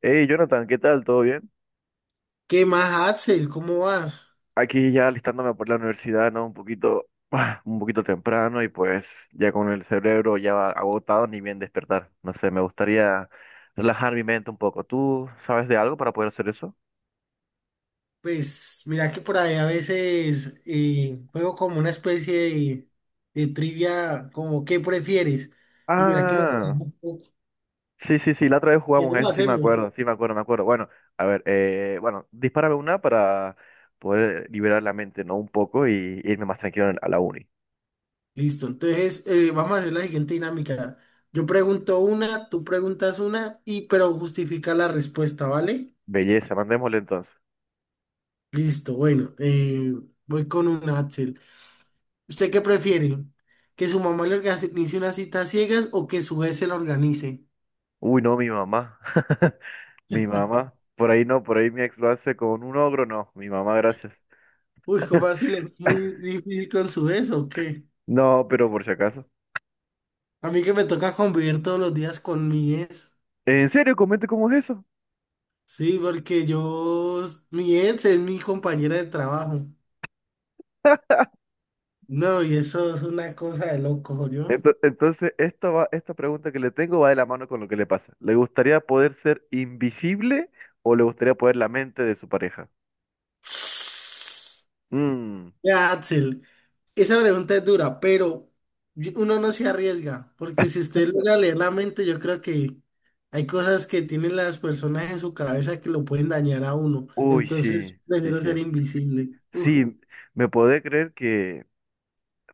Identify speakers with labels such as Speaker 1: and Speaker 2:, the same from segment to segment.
Speaker 1: Hey Jonathan, ¿qué tal? ¿Todo bien?
Speaker 2: ¿Qué más, Axel? ¿Cómo vas?
Speaker 1: Aquí ya alistándome por la universidad, ¿no? Un poquito, un poquito temprano y pues ya con el cerebro ya agotado ni bien despertar. No sé, me gustaría relajar mi mente un poco. ¿Tú sabes de algo para poder hacer eso?
Speaker 2: Pues mira que por ahí a veces juego como una especie de trivia, como ¿qué prefieres? Y mira que me...
Speaker 1: Ah, sí, sí, sí, la otra vez
Speaker 2: ¿Qué
Speaker 1: jugamos a
Speaker 2: lo
Speaker 1: eso,
Speaker 2: hacemos?
Speaker 1: sí me acuerdo, me acuerdo. Bueno, a ver, bueno, dispárame una para poder liberar la mente, ¿no? Un poco y irme más tranquilo a la uni.
Speaker 2: Listo, entonces vamos a hacer la siguiente dinámica. Yo pregunto una, tú preguntas una, y pero justifica la respuesta, ¿vale?
Speaker 1: Belleza, mandémosle entonces.
Speaker 2: Listo, bueno, voy con un Axel. ¿Usted qué prefiere? ¿Que su mamá le organice una cita a ciegas o que su jefe se la organice?
Speaker 1: Uy, no, mi mamá. Mi mamá, por ahí no, por ahí mi ex lo hace con un ogro, no, mi mamá, gracias.
Speaker 2: Uy, ¿cómo así le fue muy difícil con su ex o qué?
Speaker 1: No, pero por si acaso.
Speaker 2: A mí que me toca convivir todos los días con mi ex.
Speaker 1: ¿En serio? Comente cómo es eso.
Speaker 2: Sí, porque mi ex es mi compañera de trabajo. No, y eso es una cosa de loco, ¿yo?
Speaker 1: Entonces, esta pregunta que le tengo va de la mano con lo que le pasa. ¿Le gustaría poder ser invisible o le gustaría poder la mente de su pareja? Mm.
Speaker 2: Ya, Axel, esa pregunta es dura, pero uno no se arriesga, porque si usted logra leer la mente, yo creo que hay cosas que tienen las personas en su cabeza que lo pueden dañar a uno.
Speaker 1: Uy,
Speaker 2: Entonces,
Speaker 1: sí, sí,
Speaker 2: prefiero ser
Speaker 1: sí.
Speaker 2: invisible.
Speaker 1: Sí, me podés creer que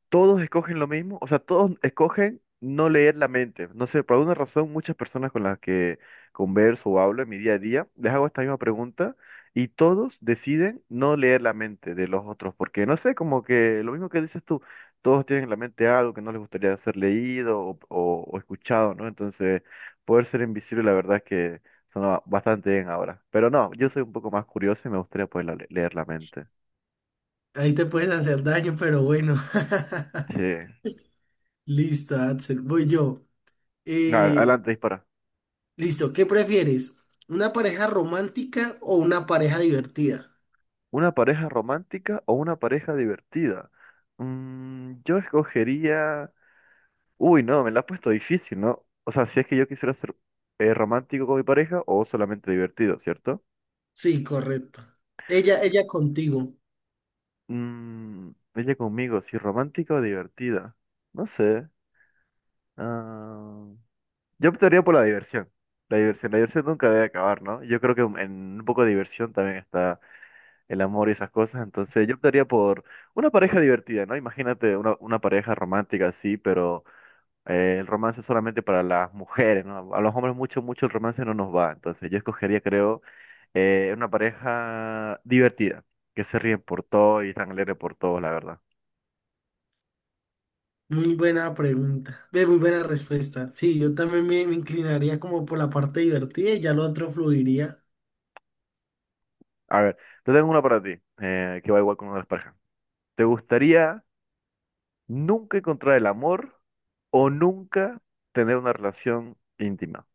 Speaker 1: todos escogen lo mismo, o sea, todos escogen no leer la mente. No sé, por alguna razón muchas personas con las que converso o hablo en mi día a día, les hago esta misma pregunta y todos deciden no leer la mente de los otros, porque no sé, como que lo mismo que dices tú, todos tienen en la mente algo que no les gustaría ser leído o escuchado, ¿no? Entonces, poder ser invisible, la verdad es que suena bastante bien ahora. Pero no, yo soy un poco más curioso y me gustaría poder leer la mente.
Speaker 2: Ahí te puedes hacer daño, pero bueno.
Speaker 1: Sí.
Speaker 2: Listo, Axel, voy yo. Eh,
Speaker 1: Adelante, dispara.
Speaker 2: listo, ¿qué prefieres? ¿Una pareja romántica o una pareja divertida?
Speaker 1: ¿Una pareja romántica o una pareja divertida? Mm, yo escogería... Uy, no, me la has puesto difícil, ¿no? O sea, si es que yo quisiera ser romántico con mi pareja o solamente divertido, ¿cierto?
Speaker 2: Sí, correcto. Ella contigo.
Speaker 1: Mm, ella conmigo, si romántica o divertida. No sé. ah, Yo optaría por la diversión. La diversión, la diversión nunca debe acabar, ¿no? Yo creo que en un poco de diversión también está el amor y esas cosas. Entonces yo optaría por una pareja divertida, ¿no? Imagínate una pareja romántica así, pero el romance es solamente para las mujeres, ¿no? A los hombres mucho, mucho el romance no nos va. Entonces yo escogería, creo, una pareja divertida, que se ríen por todo y están alegres por todo, la verdad.
Speaker 2: Muy buena pregunta. Ve, muy buena respuesta. Sí, yo también me inclinaría como por la parte divertida y ya lo otro fluiría.
Speaker 1: A ver, te tengo una para ti, que va igual con una de las parejas. ¿Te gustaría nunca encontrar el amor o nunca tener una relación íntima?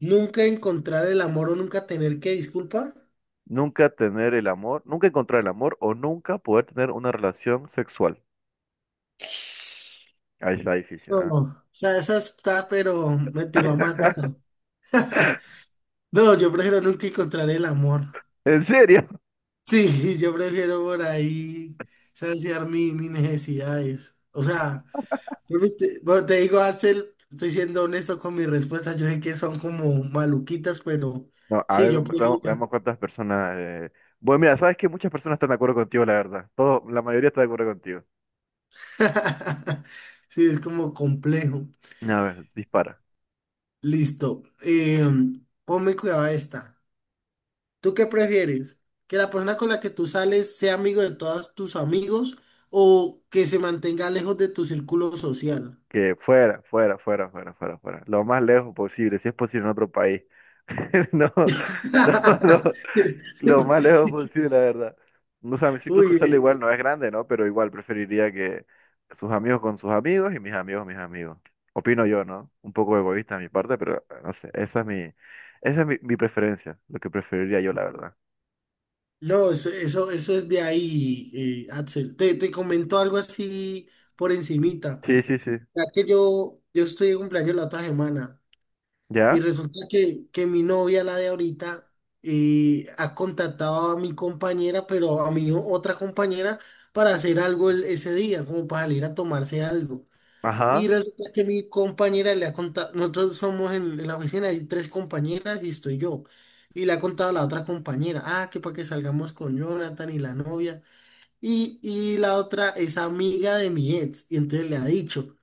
Speaker 2: ¿Nunca encontrar el amor o nunca tener que disculpar?
Speaker 1: Nunca tener el amor, nunca encontrar el amor o nunca poder tener una relación sexual. Ahí está difícil,
Speaker 2: No,
Speaker 1: ¿ah?
Speaker 2: o sea, esa está, pero me tiró a matar. No, yo prefiero nunca encontrar el amor.
Speaker 1: ¿En serio?
Speaker 2: Sí, yo prefiero por ahí saciar mis necesidades. O sea, bueno, te digo, Axel, estoy siendo honesto con mis respuestas. Yo sé que son como maluquitas, pero
Speaker 1: No, a
Speaker 2: sí,
Speaker 1: ver,
Speaker 2: yo
Speaker 1: veamos,
Speaker 2: prefiero.
Speaker 1: veamos cuántas personas. Bueno, mira, sabes que muchas personas están de acuerdo contigo, la verdad. Todo, la mayoría está de acuerdo contigo.
Speaker 2: Sí, es como complejo.
Speaker 1: A ver, dispara.
Speaker 2: Listo. Ponme cuidado a esta. ¿Tú qué prefieres? ¿Que la persona con la que tú sales sea amigo de todos tus amigos o que se mantenga lejos de tu círculo social?
Speaker 1: Que fuera, fuera, fuera, fuera, fuera, fuera. Lo más lejos posible, si es posible en otro país. No, no, no. Lo más lejos posible, la verdad. No, o sea, mi círculo
Speaker 2: Uy,
Speaker 1: social igual no es grande, ¿no? Pero igual preferiría que sus amigos con sus amigos y mis amigos mis amigos. Opino yo, ¿no? Un poco egoísta de mi parte, pero no sé, esa es mi preferencia, lo que preferiría yo, la verdad.
Speaker 2: no, eso es de ahí, Axel. Te comento algo así por encimita.
Speaker 1: Sí, sí, sí.
Speaker 2: Ya que yo estoy de cumpleaños la otra semana y
Speaker 1: ¿Ya?
Speaker 2: resulta que mi novia, la de ahorita, ha contactado a mi compañera, pero a mi otra compañera, para hacer algo ese día, como para salir a tomarse algo. Y
Speaker 1: Ajá.
Speaker 2: resulta que mi compañera le ha contado, nosotros somos en la oficina, hay tres compañeras y estoy yo. Y le ha contado a la otra compañera, ah, que para que salgamos con Jonathan y la novia. Y la otra es amiga de mi ex. Y entonces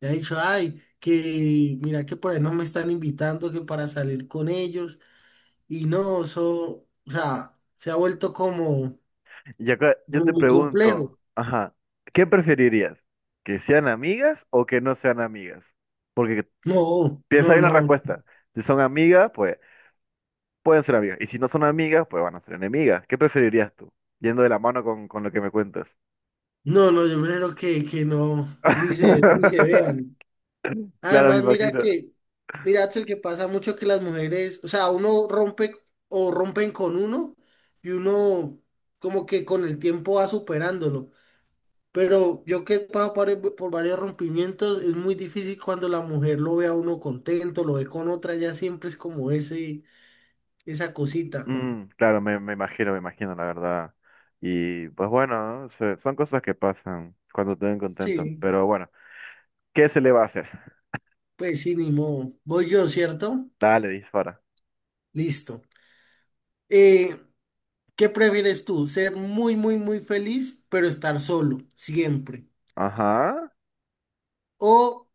Speaker 2: le ha dicho, ay, que mira que por ahí no me están invitando, que para salir con ellos. Y no, eso, o sea, se ha vuelto como,
Speaker 1: Y acá yo
Speaker 2: como
Speaker 1: te
Speaker 2: muy
Speaker 1: pregunto,
Speaker 2: complejo.
Speaker 1: ajá, ¿qué preferirías? ¿Que sean amigas o que no sean amigas? Porque
Speaker 2: No,
Speaker 1: piensa
Speaker 2: no,
Speaker 1: bien la
Speaker 2: no,
Speaker 1: respuesta. Si son amigas, pues pueden ser amigas. Y si no son amigas, pues van a ser enemigas. ¿Qué preferirías tú? Yendo de la mano con lo que me cuentas.
Speaker 2: no, yo prefiero que no, ni se vean.
Speaker 1: Claro, me
Speaker 2: Además, mira
Speaker 1: imagino.
Speaker 2: mira, Axel, que pasa mucho que las mujeres, o sea, uno rompe o rompen con uno y uno como que con el tiempo va superándolo. Pero yo que he pasado por varios rompimientos, es muy difícil cuando la mujer lo ve a uno contento, lo ve con otra, ya siempre es como esa cosita.
Speaker 1: Mm, claro, me imagino, la verdad. Y pues bueno, ¿no? Son cosas que pasan cuando te ven contento.
Speaker 2: Sí,
Speaker 1: Pero bueno, ¿qué se le va a hacer?
Speaker 2: pues sí, ni modo. Voy yo, ¿cierto?
Speaker 1: Dale, dispara.
Speaker 2: Listo. Eh, ¿Qué prefieres tú? ¿Ser muy feliz, pero estar solo, siempre?
Speaker 1: Ajá.
Speaker 2: ¿O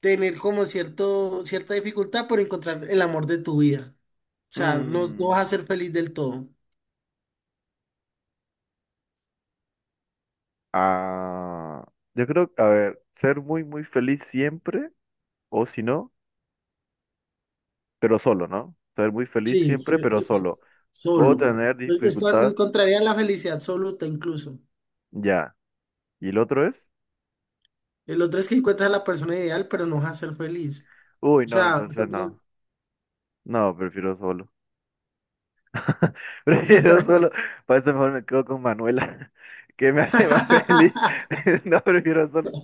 Speaker 2: tener como cierta dificultad por encontrar el amor de tu vida? O sea, no vas
Speaker 1: Mm,
Speaker 2: a ser feliz del todo.
Speaker 1: ah, yo creo, a ver, ser muy, muy feliz siempre, o si no, pero solo, ¿no? Ser muy feliz
Speaker 2: Sí,
Speaker 1: siempre, pero solo. Puedo
Speaker 2: solo.
Speaker 1: tener
Speaker 2: Es-
Speaker 1: dificultades.
Speaker 2: Encontrarías la felicidad absoluta incluso.
Speaker 1: Ya. ¿Y el otro es?
Speaker 2: El otro es que encuentras a la persona ideal, pero no vas a ser feliz.
Speaker 1: Uy,
Speaker 2: O
Speaker 1: no,
Speaker 2: sea,
Speaker 1: entonces no. No, prefiero solo. Prefiero solo. Para eso mejor me quedo con Manuela, que me hace más feliz. No, prefiero solo.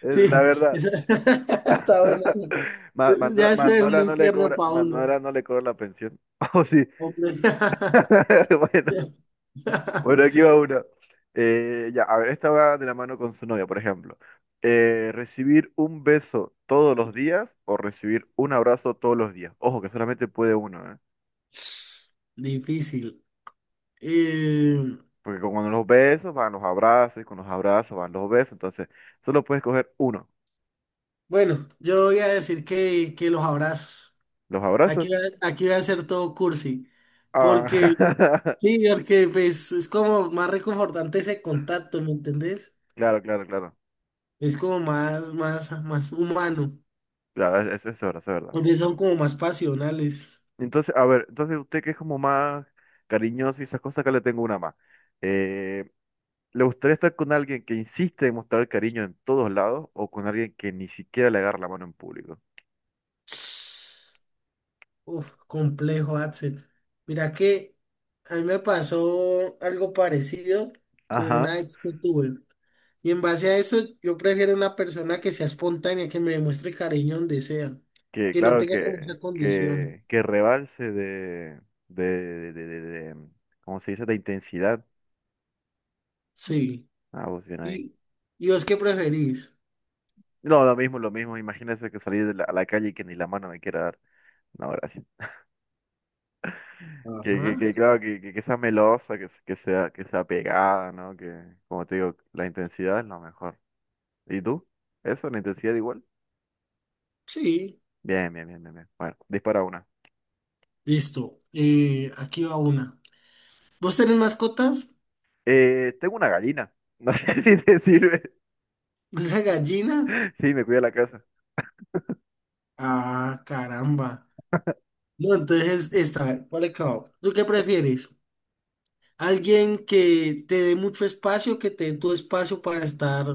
Speaker 1: Es la
Speaker 2: sí,
Speaker 1: verdad.
Speaker 2: eso... está bueno.
Speaker 1: Manuela,
Speaker 2: Ya eso es un
Speaker 1: Manuela no le
Speaker 2: infierno,
Speaker 1: cobra,
Speaker 2: Paulo.
Speaker 1: Manuela no le cobra la pensión. Oh, sí.
Speaker 2: Hombre.
Speaker 1: Bueno. Bueno, aquí va una. Ya, a ver, esta va de la mano con su novia, por ejemplo. ¿Recibir un beso todos los días o recibir un abrazo todos los días? Ojo, que solamente puede uno, ¿eh?
Speaker 2: Difícil. Eh,
Speaker 1: Porque con los besos van los abrazos, y con los abrazos van los besos, entonces solo puedes coger uno.
Speaker 2: Bueno, yo voy a decir que los abrazos.
Speaker 1: ¿Los abrazos?
Speaker 2: Aquí, aquí voy a hacer todo cursi. Porque,
Speaker 1: Ah,
Speaker 2: sí, porque pues, es como más reconfortante ese contacto, ¿me entendés?
Speaker 1: claro, claro, claro.
Speaker 2: Es como más humano.
Speaker 1: Claro, es verdad, es verdad.
Speaker 2: Porque son como más pasionales.
Speaker 1: Entonces, a ver, entonces usted que es como más cariñoso y esas cosas, acá le tengo una más. Eh, ¿Le gustaría estar con alguien que insiste en mostrar cariño en todos lados o con alguien que ni siquiera le agarra la mano en público?
Speaker 2: Uf, complejo, Axel. Mira que a mí me pasó algo parecido con
Speaker 1: Ajá,
Speaker 2: una ex que tuve. Y en base a eso, yo prefiero una persona que sea espontánea, que me demuestre cariño donde sea,
Speaker 1: que
Speaker 2: que no
Speaker 1: claro
Speaker 2: tenga como esa condición.
Speaker 1: que rebalse de, de, de, de- de- ¿cómo se dice? De intensidad.
Speaker 2: Sí.
Speaker 1: Ah, vos bien ahí.
Speaker 2: ¿Y, y vos qué preferís?
Speaker 1: No, lo mismo, lo mismo. Imagínese que salir de a la calle y que ni la mano me quiera dar. No, gracias. Que
Speaker 2: Ajá.
Speaker 1: claro, que sea melosa, que sea pegada, ¿no? Que, como te digo, la intensidad es lo mejor. ¿Y tú? ¿Eso? ¿La intensidad igual?
Speaker 2: Sí.
Speaker 1: Bien, bien, bien, bien, bien. Bueno, dispara una.
Speaker 2: Listo. Aquí va una. ¿Vos tenés mascotas?
Speaker 1: Tengo una gallina. No sé si te sirve.
Speaker 2: ¿Una gallina?
Speaker 1: Sí, me cuida la casa.
Speaker 2: Ah, caramba. No, entonces está, por acá. ¿Tú qué prefieres? ¿Alguien que te dé mucho espacio, que te dé tu espacio para estar,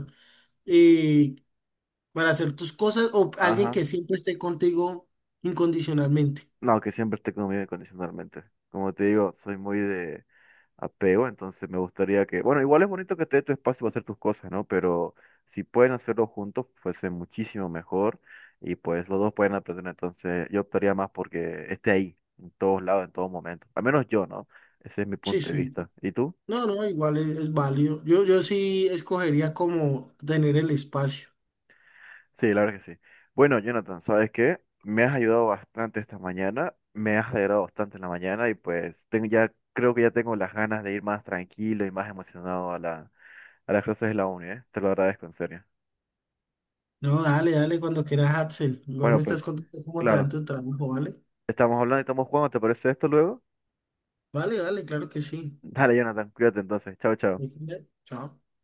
Speaker 2: eh, para hacer tus cosas o alguien que
Speaker 1: Ajá.
Speaker 2: siempre esté contigo incondicionalmente?
Speaker 1: No, que siempre esté conmigo incondicionalmente. Como te digo, soy muy de apego, entonces me gustaría que... Bueno, igual es bonito que te dé tu espacio para hacer tus cosas, ¿no? Pero si pueden hacerlo juntos, fuese muchísimo mejor. Y pues los dos pueden aprender. Entonces yo optaría más porque esté ahí, en todos lados, en todo momento. Al menos yo, ¿no? Ese es mi
Speaker 2: Sí,
Speaker 1: punto de
Speaker 2: sí.
Speaker 1: vista. ¿Y tú?
Speaker 2: No, no, igual es válido. Yo sí escogería como tener el espacio.
Speaker 1: Sí, la verdad que sí. Bueno, Jonathan, ¿sabes qué? Me has ayudado bastante esta mañana, me has alegrado bastante en la mañana y pues tengo ya, creo que ya tengo las ganas de ir más tranquilo y más emocionado a a las clases de la uni, ¿eh? Te lo agradezco en serio.
Speaker 2: No, dale, dale cuando quieras, Axel. Igual me
Speaker 1: Bueno, pues
Speaker 2: estás contando cómo te dan
Speaker 1: claro,
Speaker 2: tu trabajo, ¿vale?
Speaker 1: estamos hablando y estamos jugando, ¿te parece esto luego?
Speaker 2: Vale, vale, claro que sí.
Speaker 1: Dale, Jonathan, cuídate entonces. Chao, chao.
Speaker 2: Chao.